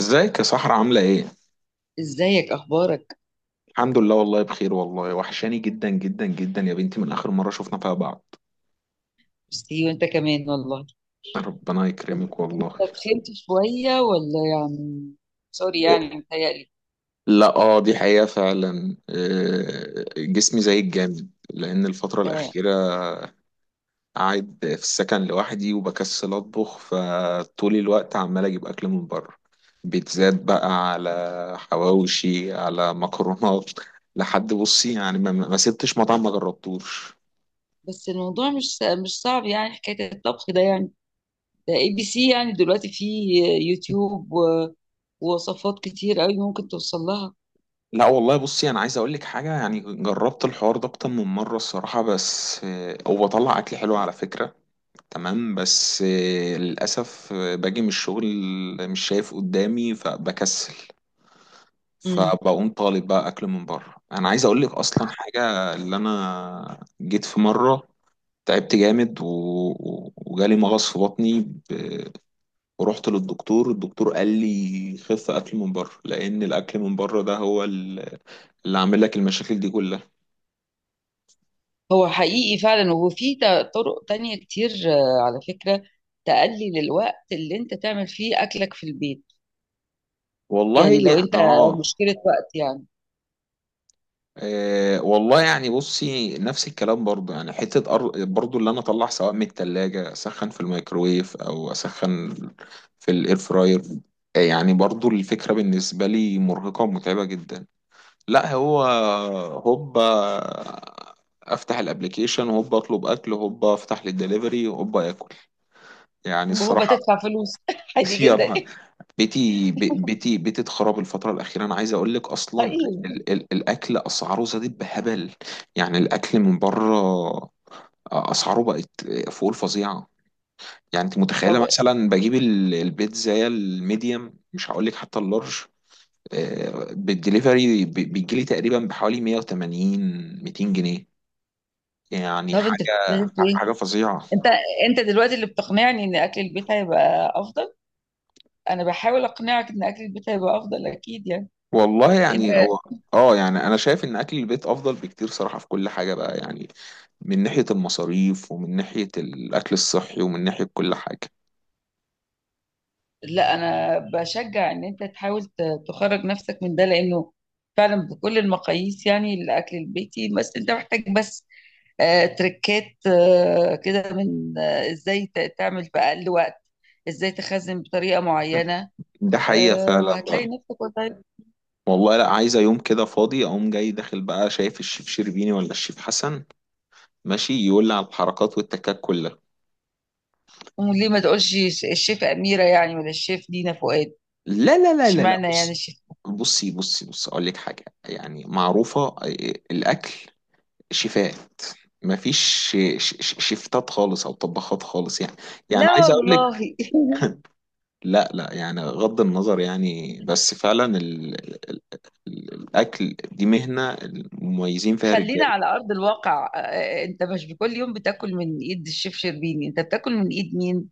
ازيك يا صحرا عاملة ايه؟ ازيك، اخبارك؟ الحمد لله والله بخير والله وحشاني جدا جدا جدا يا بنتي من آخر مرة شفنا فيها بعض. ميرسي، وانت كمان والله. ربنا انت يكرمك إنت والله. تخنت شويه، ولا يعني سوري إيه، يعني متهيألي. لا دي حقيقة فعلا، إيه، جسمي زي الجامد لأن الفترة آه. الأخيرة قاعد في السكن لوحدي وبكسل أطبخ، فطول الوقت عمال أجيب أكل من بره، بيتزات بقى، على حواوشي، على مكرونات، لحد بصي يعني ما سبتش مطعم ما جربتوش. بس الموضوع مش صعب يعني، حكايه الطبخ ده يعني، ده ABC. يعني دلوقتي في يوتيوب ووصفات كتير قوي ممكن توصل لها. لا والله بصي انا عايز اقول لك حاجه، يعني جربت الحوار ده اكتر من مره الصراحه، بس هو طلع اكل حلو على فكره. تمام، بس للاسف باجي من الشغل مش شايف قدامي فبكسل، امم فبقوم طالب بقى اكل من بره. انا عايز اقول لك اصلا حاجه، اللي انا جيت في مره تعبت جامد وجالي مغص في بطني ب... ورحت للدكتور. الدكتور قال لي خف اكل من بره، لان الاكل من بره ده هو اللي عامل لك المشاكل دي كلها. هو حقيقي فعلا، وفي طرق تانية كتير على فكره، تقلل الوقت اللي انت تعمل فيه اكلك في البيت. والله يعني لو يعني انت اه. مشكله وقت يعني. والله يعني بصي، نفس الكلام برضه، يعني حتة برضه اللي أنا أطلع سواء من التلاجة أسخن في الميكروويف أو أسخن في الإير فراير. يعني برضه الفكرة بالنسبة لي مرهقة ومتعبة جدا. لا هو هوبا أفتح الأبليكيشن، هوبا أطلب أكل، هوبا أفتح للدليفري، هوبا آكل. يعني وهو الصراحة. بتدفع فلوس عادي جدا. يلا. بيتي بيتي اتخرب الفترة الأخيرة، أنا عايز أقول لك أصلا، طيب. ال ال الأكل أسعاره زادت بهبل. يعني الأكل من بره أسعاره بقت فوق الفظيعة. يعني أنت طب متخيلة مثلا بجيب البيتزا الميديم، مش هقول لك حتى اللارج، بالدليفري بيجيلي تقريبا بحوالي 180 200 جنيه. يعني طب انت حاجة، بتستهدف ايه؟ حاجة فظيعة. انت انت دلوقتي اللي بتقنعني ان اكل البيت هيبقى افضل. انا بحاول اقنعك ان اكل البيت هيبقى افضل اكيد يعني. والله يعني انت. هو اه، يعني انا شايف ان اكل البيت افضل بكتير صراحة في كل حاجة بقى، يعني من ناحية المصاريف ومن ناحية الأكل الصحي ومن ناحية كل حاجة. لا، انا بشجع ان انت تحاول تخرج نفسك من ده، لانه فعلا بكل المقاييس يعني الاكل البيتي. بس انت محتاج، بس تركات كده من ازاي تعمل في اقل وقت، ازاي تخزن بطريقة معينة. ده حقيقة فعلا وهتلاقي بقى. نفسك. والله لا، عايزة يوم كده فاضي أقوم جاي داخل بقى شايف الشيف شربيني ولا الشيف حسن ماشي يقول لي على الحركات والتكات كلها. وليه ما تقولش الشيف أميرة يعني، ولا الشيف دينا فؤاد؟ لا لا لا لا لا. اشمعنى يعني الشيف؟ بصي أقول لك حاجة يعني معروفة، الأكل، شيفات، مفيش ش- شيفتات خالص أو طباخات خالص يعني. يعني لا عايز أقول لك. والله. لا لا، يعني غض النظر يعني، بس فعلا ال... الأكل دي مهنة المميزين فيها خلينا رجالة. على أرض الواقع. أنت مش بكل يوم بتاكل من إيد الشيف شربيني، أنت بتاكل من إيد مين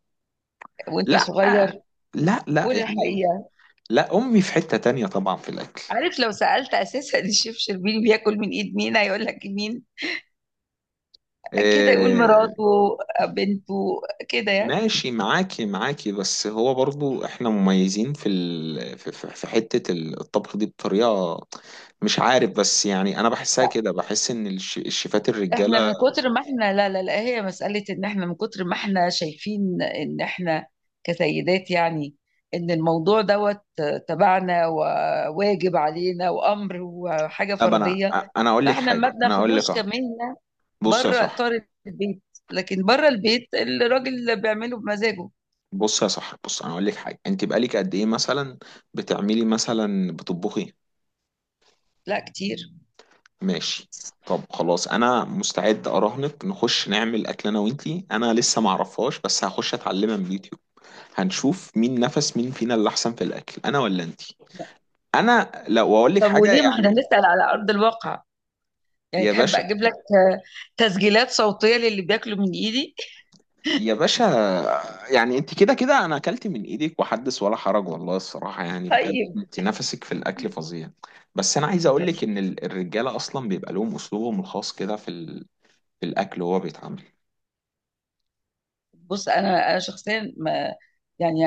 وأنت لا صغير؟ لا لا قول يعني، الحقيقة. لا أمي في حتة تانية طبعا في الأكل. عارف لو سألت أساسا الشيف شربيني بياكل من إيد مين، هيقول لك مين؟ كده يقول آه، مراته، بنته، كده يعني. ماشي معاكي، معاكي، بس هو برضو احنا مميزين في ال... في في- في حتة الطبخ دي بطريقة مش عارف، بس يعني انا بحسها كده، بحس ان الشيفات احنا الرجالة. من كتر ما احنا، لا لا لا، هي مسألة ان احنا من كتر ما احنا شايفين ان احنا كسيدات، يعني ان الموضوع دوت تبعنا وواجب علينا وامر وحاجة طب فردية. انا اقول لك فاحنا ما حاجة، انا اقول لك بناخدوش اه. كمهنة بص يا بره صاحبي اطار البيت. لكن بره البيت الراجل اللي بيعمله بمزاجه. بص يا صاحبي، بص، انا اقول لك حاجه، انت بقالك قد ايه مثلا بتعملي، مثلا بتطبخي؟ لا، كتير. ماشي. طب خلاص، انا مستعد اراهنك نخش نعمل اكل انا وانتي، انا لسه ما اعرفهاش بس هخش اتعلمها من اليوتيوب، هنشوف مين فينا اللي احسن في الاكل، انا ولا انتي. انا لو اقول لك طب حاجه وليه ما احنا يعني. نسأل على ارض الواقع؟ يعني يا تحب باشا، اجيب لك تسجيلات صوتية للي بياكلوا من ايدي؟ يا باشا، يعني انت كده كده انا اكلت من ايدك وحدث ولا حرج، والله الصراحه يعني بجد انت نفسك في الاكل فظيع. بس انا عايز اقول طيب. لك ان الرجاله اصلا بيبقى لهم اسلوبهم الخاص كده في الاكل وهو بيتعامل. بص، انا شخصيا ما يعني،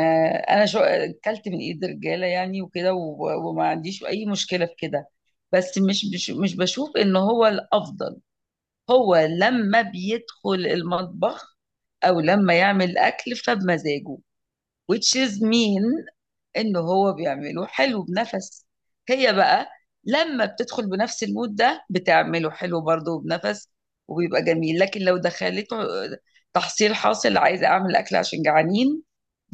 انا شو اكلت من ايد رجاله يعني وكده، وما عنديش اي مشكله في كده. بس مش بشوف ان هو الافضل. هو لما بيدخل المطبخ او لما يعمل اكل فبمزاجه، which is mean إن هو بيعمله حلو بنفس. هي بقى لما بتدخل بنفس المود ده بتعمله حلو برضه بنفس، وبيبقى جميل. لكن لو دخلته تحصيل حاصل، عايزة أعمل أكل عشان جعانين،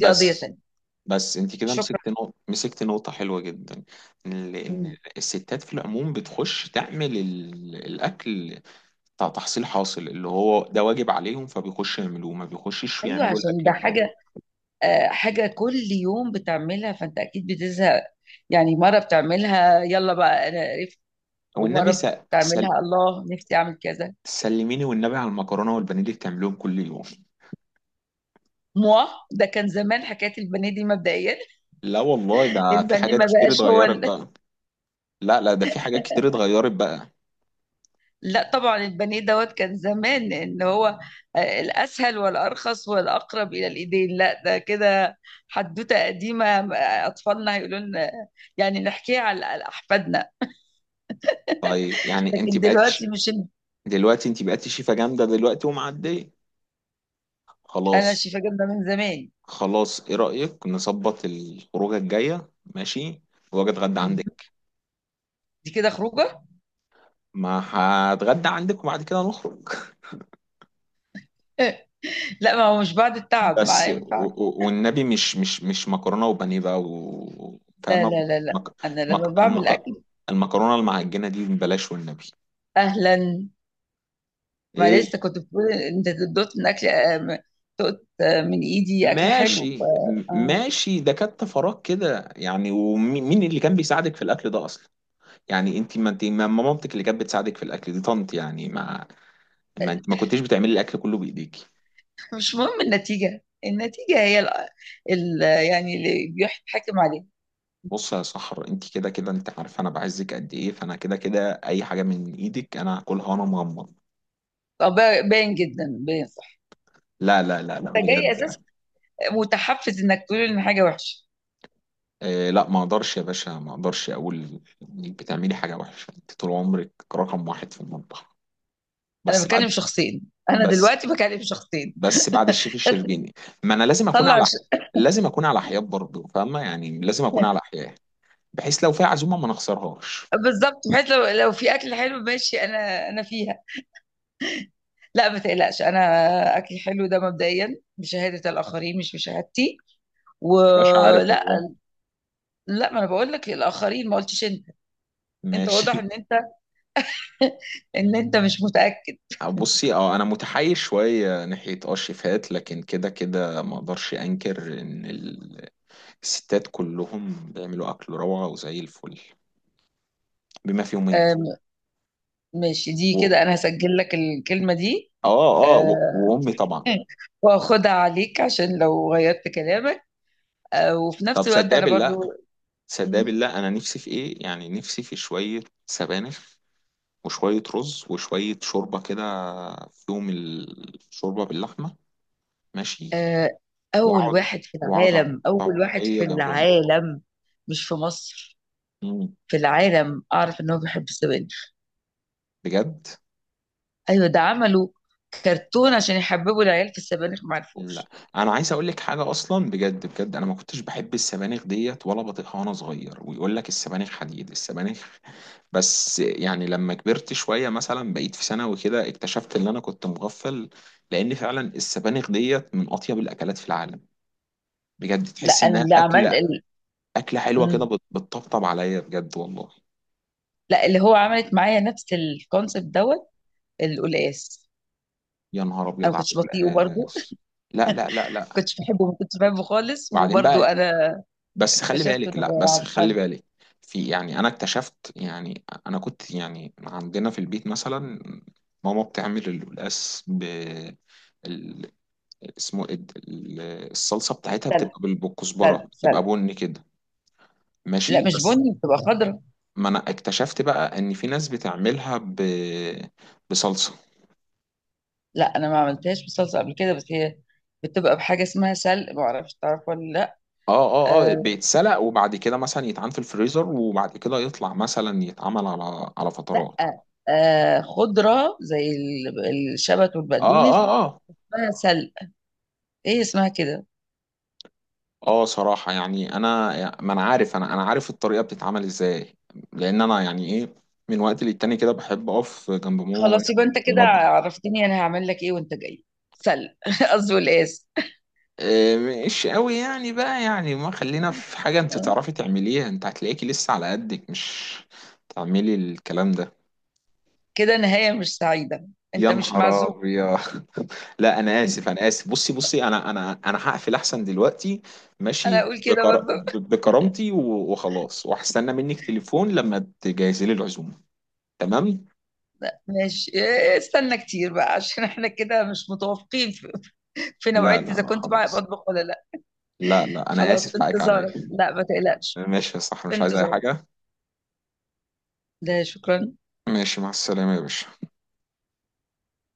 دي قضية تانية. بس انت كده شكرا. مسكت نقطه حلوه جدا، ان لان مم. الستات في العموم بتخش تعمل الاكل بتاع تحصيل حاصل اللي هو ده واجب عليهم، فبيخشوا يعملوه، ما بيخشش أيوة، يعملوا عشان الاكل ده بره. حاجة حاجة كل يوم بتعملها، فأنت أكيد بتزهق. يعني مرة بتعملها يلا بقى أنا قرفت، والنبي ومرة سأل، بتعملها الله نفسي أعمل كذا. سلميني والنبي على المكرونه والبانيه اللي بتعمليهم كل يوم. موا، ده كان زمان حكاية البانيه دي مبدئيا. لا والله ده في البانيه حاجات ما كتير بقاش هو اتغيرت ال... بقى، لا لا ده في حاجات كتير اتغيرت بقى. لا طبعا البانيه دوت كان زمان ان هو الاسهل والارخص والأقرب إلى الإيدين. لا، ده كده حدوتة قديمة، أطفالنا هيقولوا لنا، يعني نحكيها على أحفادنا. طيب يعني انت لكن بقيتي دلوقتي مش. دلوقتي، انت بقيتي شيفه جامده دلوقتي ومعديه. أنا خلاص، شايفة جبنة من زمان. خلاص، ايه رايك نظبط الخروجه الجايه؟ ماشي، واجي اتغدى عندك، مهم. دي كده خروجة؟ ما هتغدى عندك وبعد كده نخرج. لا، ما هو مش بعد التعب ما بس ينفعش. والنبي مش مكرونه وبانيه بقى، لا فاهمه؟ لا لا لا، مك- أنا لما مك- بعمل المك- أكل. المكرونه المعجنه دي بلاش والنبي. أهلا. ما ايه؟ لسه كنت بتقول أنت دوت من أكل دقت من إيدي أكل حلو. ماشي، آه. ماشي، ده كانت فراغ كده يعني. ومين اللي كان بيساعدك في الاكل ده اصلا؟ يعني انت، ما مامتك اللي كانت بتساعدك في الاكل دي طنط يعني، ما ما انت ما كنتيش بتعملي الاكل كله بايديكي. مش مهم النتيجة هي ال يعني اللي بيحكم عليها. بص يا صحر، انت كده كده انت عارفه انا بعزك قد ايه، فانا كده كده اي حاجه من ايدك انا هاكلها وانا مغمض. باين جدا، باين صح. لا لا لا لا، انت جاي بجد. اساسا متحفز انك تقول ان حاجة وحشة. إيه، لا ما اقدرش يا باشا، ما اقدرش اقول انك بتعملي حاجه وحشه، انت طول عمرك رقم واحد في المطبخ. انا بس بعد بكلم شخصين، انا بس دلوقتي بكلم شخصين. بس بعد الشيف الشربيني، ما انا لازم اكون طلع على ش... لازم اكون على حياد برضه، فاهمه؟ يعني لازم اكون على حياد بحيث لو في عزومه ما نخسرهاش. بالظبط، بحيث لو في اكل حلو ماشي، انا فيها. لا ما تقلقش، انا اكل حلو ده مبدئيا بشهادة الاخرين مش بشهادتي. يا باشا عارف ولا. والله. لا، ما انا بقول لك للاخرين، ما قلتش انت. انت واضح ماشي. ان انت ان انت مش متاكد. بصي، اه انا متحيز شويه ناحيه اه الشيفات، لكن كده كده ما اقدرش انكر ان الستات كلهم بيعملوا اكل روعه وزي الفل، بما فيهم انت آم، ماشي. دي و... كده انا هسجل لك الكلمة دي، اه اه و... آه، وامي طبعا. واخدها عليك عشان لو غيرت كلامك. وفي طب نفس الوقت تصدق انا بالله، برضو. تصدق مم. بالله انا نفسي في ايه يعني، نفسي في شويه سبانخ وشوية رز وشوية شوربة كده فيهم الشوربة باللحمة ماشي، آه، اول وأقعد واحد في وأقعد على العالم، اول واحد الطبلية في جنبهم. العالم. مش في مصر، مم. في العالم. اعرف ان هو بيحب السبانخ. بجد. ايوه، ده عملوا كرتون عشان يحببوا العيال في السبانخ، ما لا، عرفوش. أنا عايز أقول لك حاجة أصلا بجد، أنا ما كنتش بحب السبانخ ديت ولا بطيقها وأنا صغير، ويقول لك السبانخ حديد، السبانخ. بس يعني لما كبرت شوية مثلا بقيت في ثانوي كده اكتشفت إن أنا كنت مغفل. لأن فعلا السبانخ ديت من أطيب الأكلات في العالم بجد، لا تحس انا إنها اللي عمل أكلة، ال... اكله حلوه كده مم. بتطبطب عليا بجد والله. لا، اللي هو عملت معايا نفس الكونسيبت دوت، القلقاس. يا نهار انا ابيض ما على كنتش بطيئه برضو، القلقاس. لا لا لا لا. كنتش بحبه، ما كنتش بحبه خالص. بعدين وبرضه بقى، انا بس خلي اكتشفت بالك، انه لا غير بس خلي عبقري. بالك، في، يعني انا اكتشفت يعني، انا كنت يعني عندنا في البيت مثلا ماما بتعمل القلقاس ب ال- اسمه إيه د- ال- الصلصه بتاعتها سلق، بتبقى سلق، بالكزبره، بتبقى سلق. بني كده لا ماشي، مش بس بني، بتبقى خضرا. ما انا اكتشفت بقى ان في ناس بتعملها بصلصه. لا، انا ما عملتهاش بصلصه قبل كده، بس هي بتبقى بحاجه اسمها سلق، ما اعرفش تعرف ولا لا. اه اه اه، آه. بيتسلق وبعد كده مثلا يتعان في الفريزر وبعد كده يطلع مثلا يتعمل على لا، فترات. آه، خضره زي الشبت اه والبقدونس. اه اه اسمها سلق، ايه اسمها كده. اه، صراحة يعني انا، ما انا عارف انا انا عارف الطريقة بتتعمل ازاي، لان انا يعني ايه، من وقت للتاني كده بحب اقف جنب ماما وهي خلاص، يبقى انت في كده المطبخ. عرفتني انا هعمل لك ايه وانت جاي، سلق. قصدي والاس. إيه، مش قوي يعني بقى يعني، ما خلينا في حاجة انت تعرفي تعمليها، انت هتلاقيكي لسه على قدك مش تعملي الكلام ده. كده نهايه مش سعيده، يا انت مش نهار معزوم. ابيض. لا انا اسف، انا اسف، بصي بصي انا هقفل احسن دلوقتي، انا ماشي، اقول كده برضه. بكرامتي وخلاص، وهستنى منك تليفون لما تجهزي لي العزومه. تمام. ماشي. استنى كتير بقى، عشان احنا كده مش متوافقين في, في لا نوعية لا اذا لا كنت بقى خلاص، بطبخ ولا لا. لا لا، انا خلاص، في اسف، حقك انتظارك. عليا. لا ما تقلقش، ماشي يا صح، في مش عايز اي انتظارك. حاجه. ده شكرا. ماشي، مع السلامه يا باشا.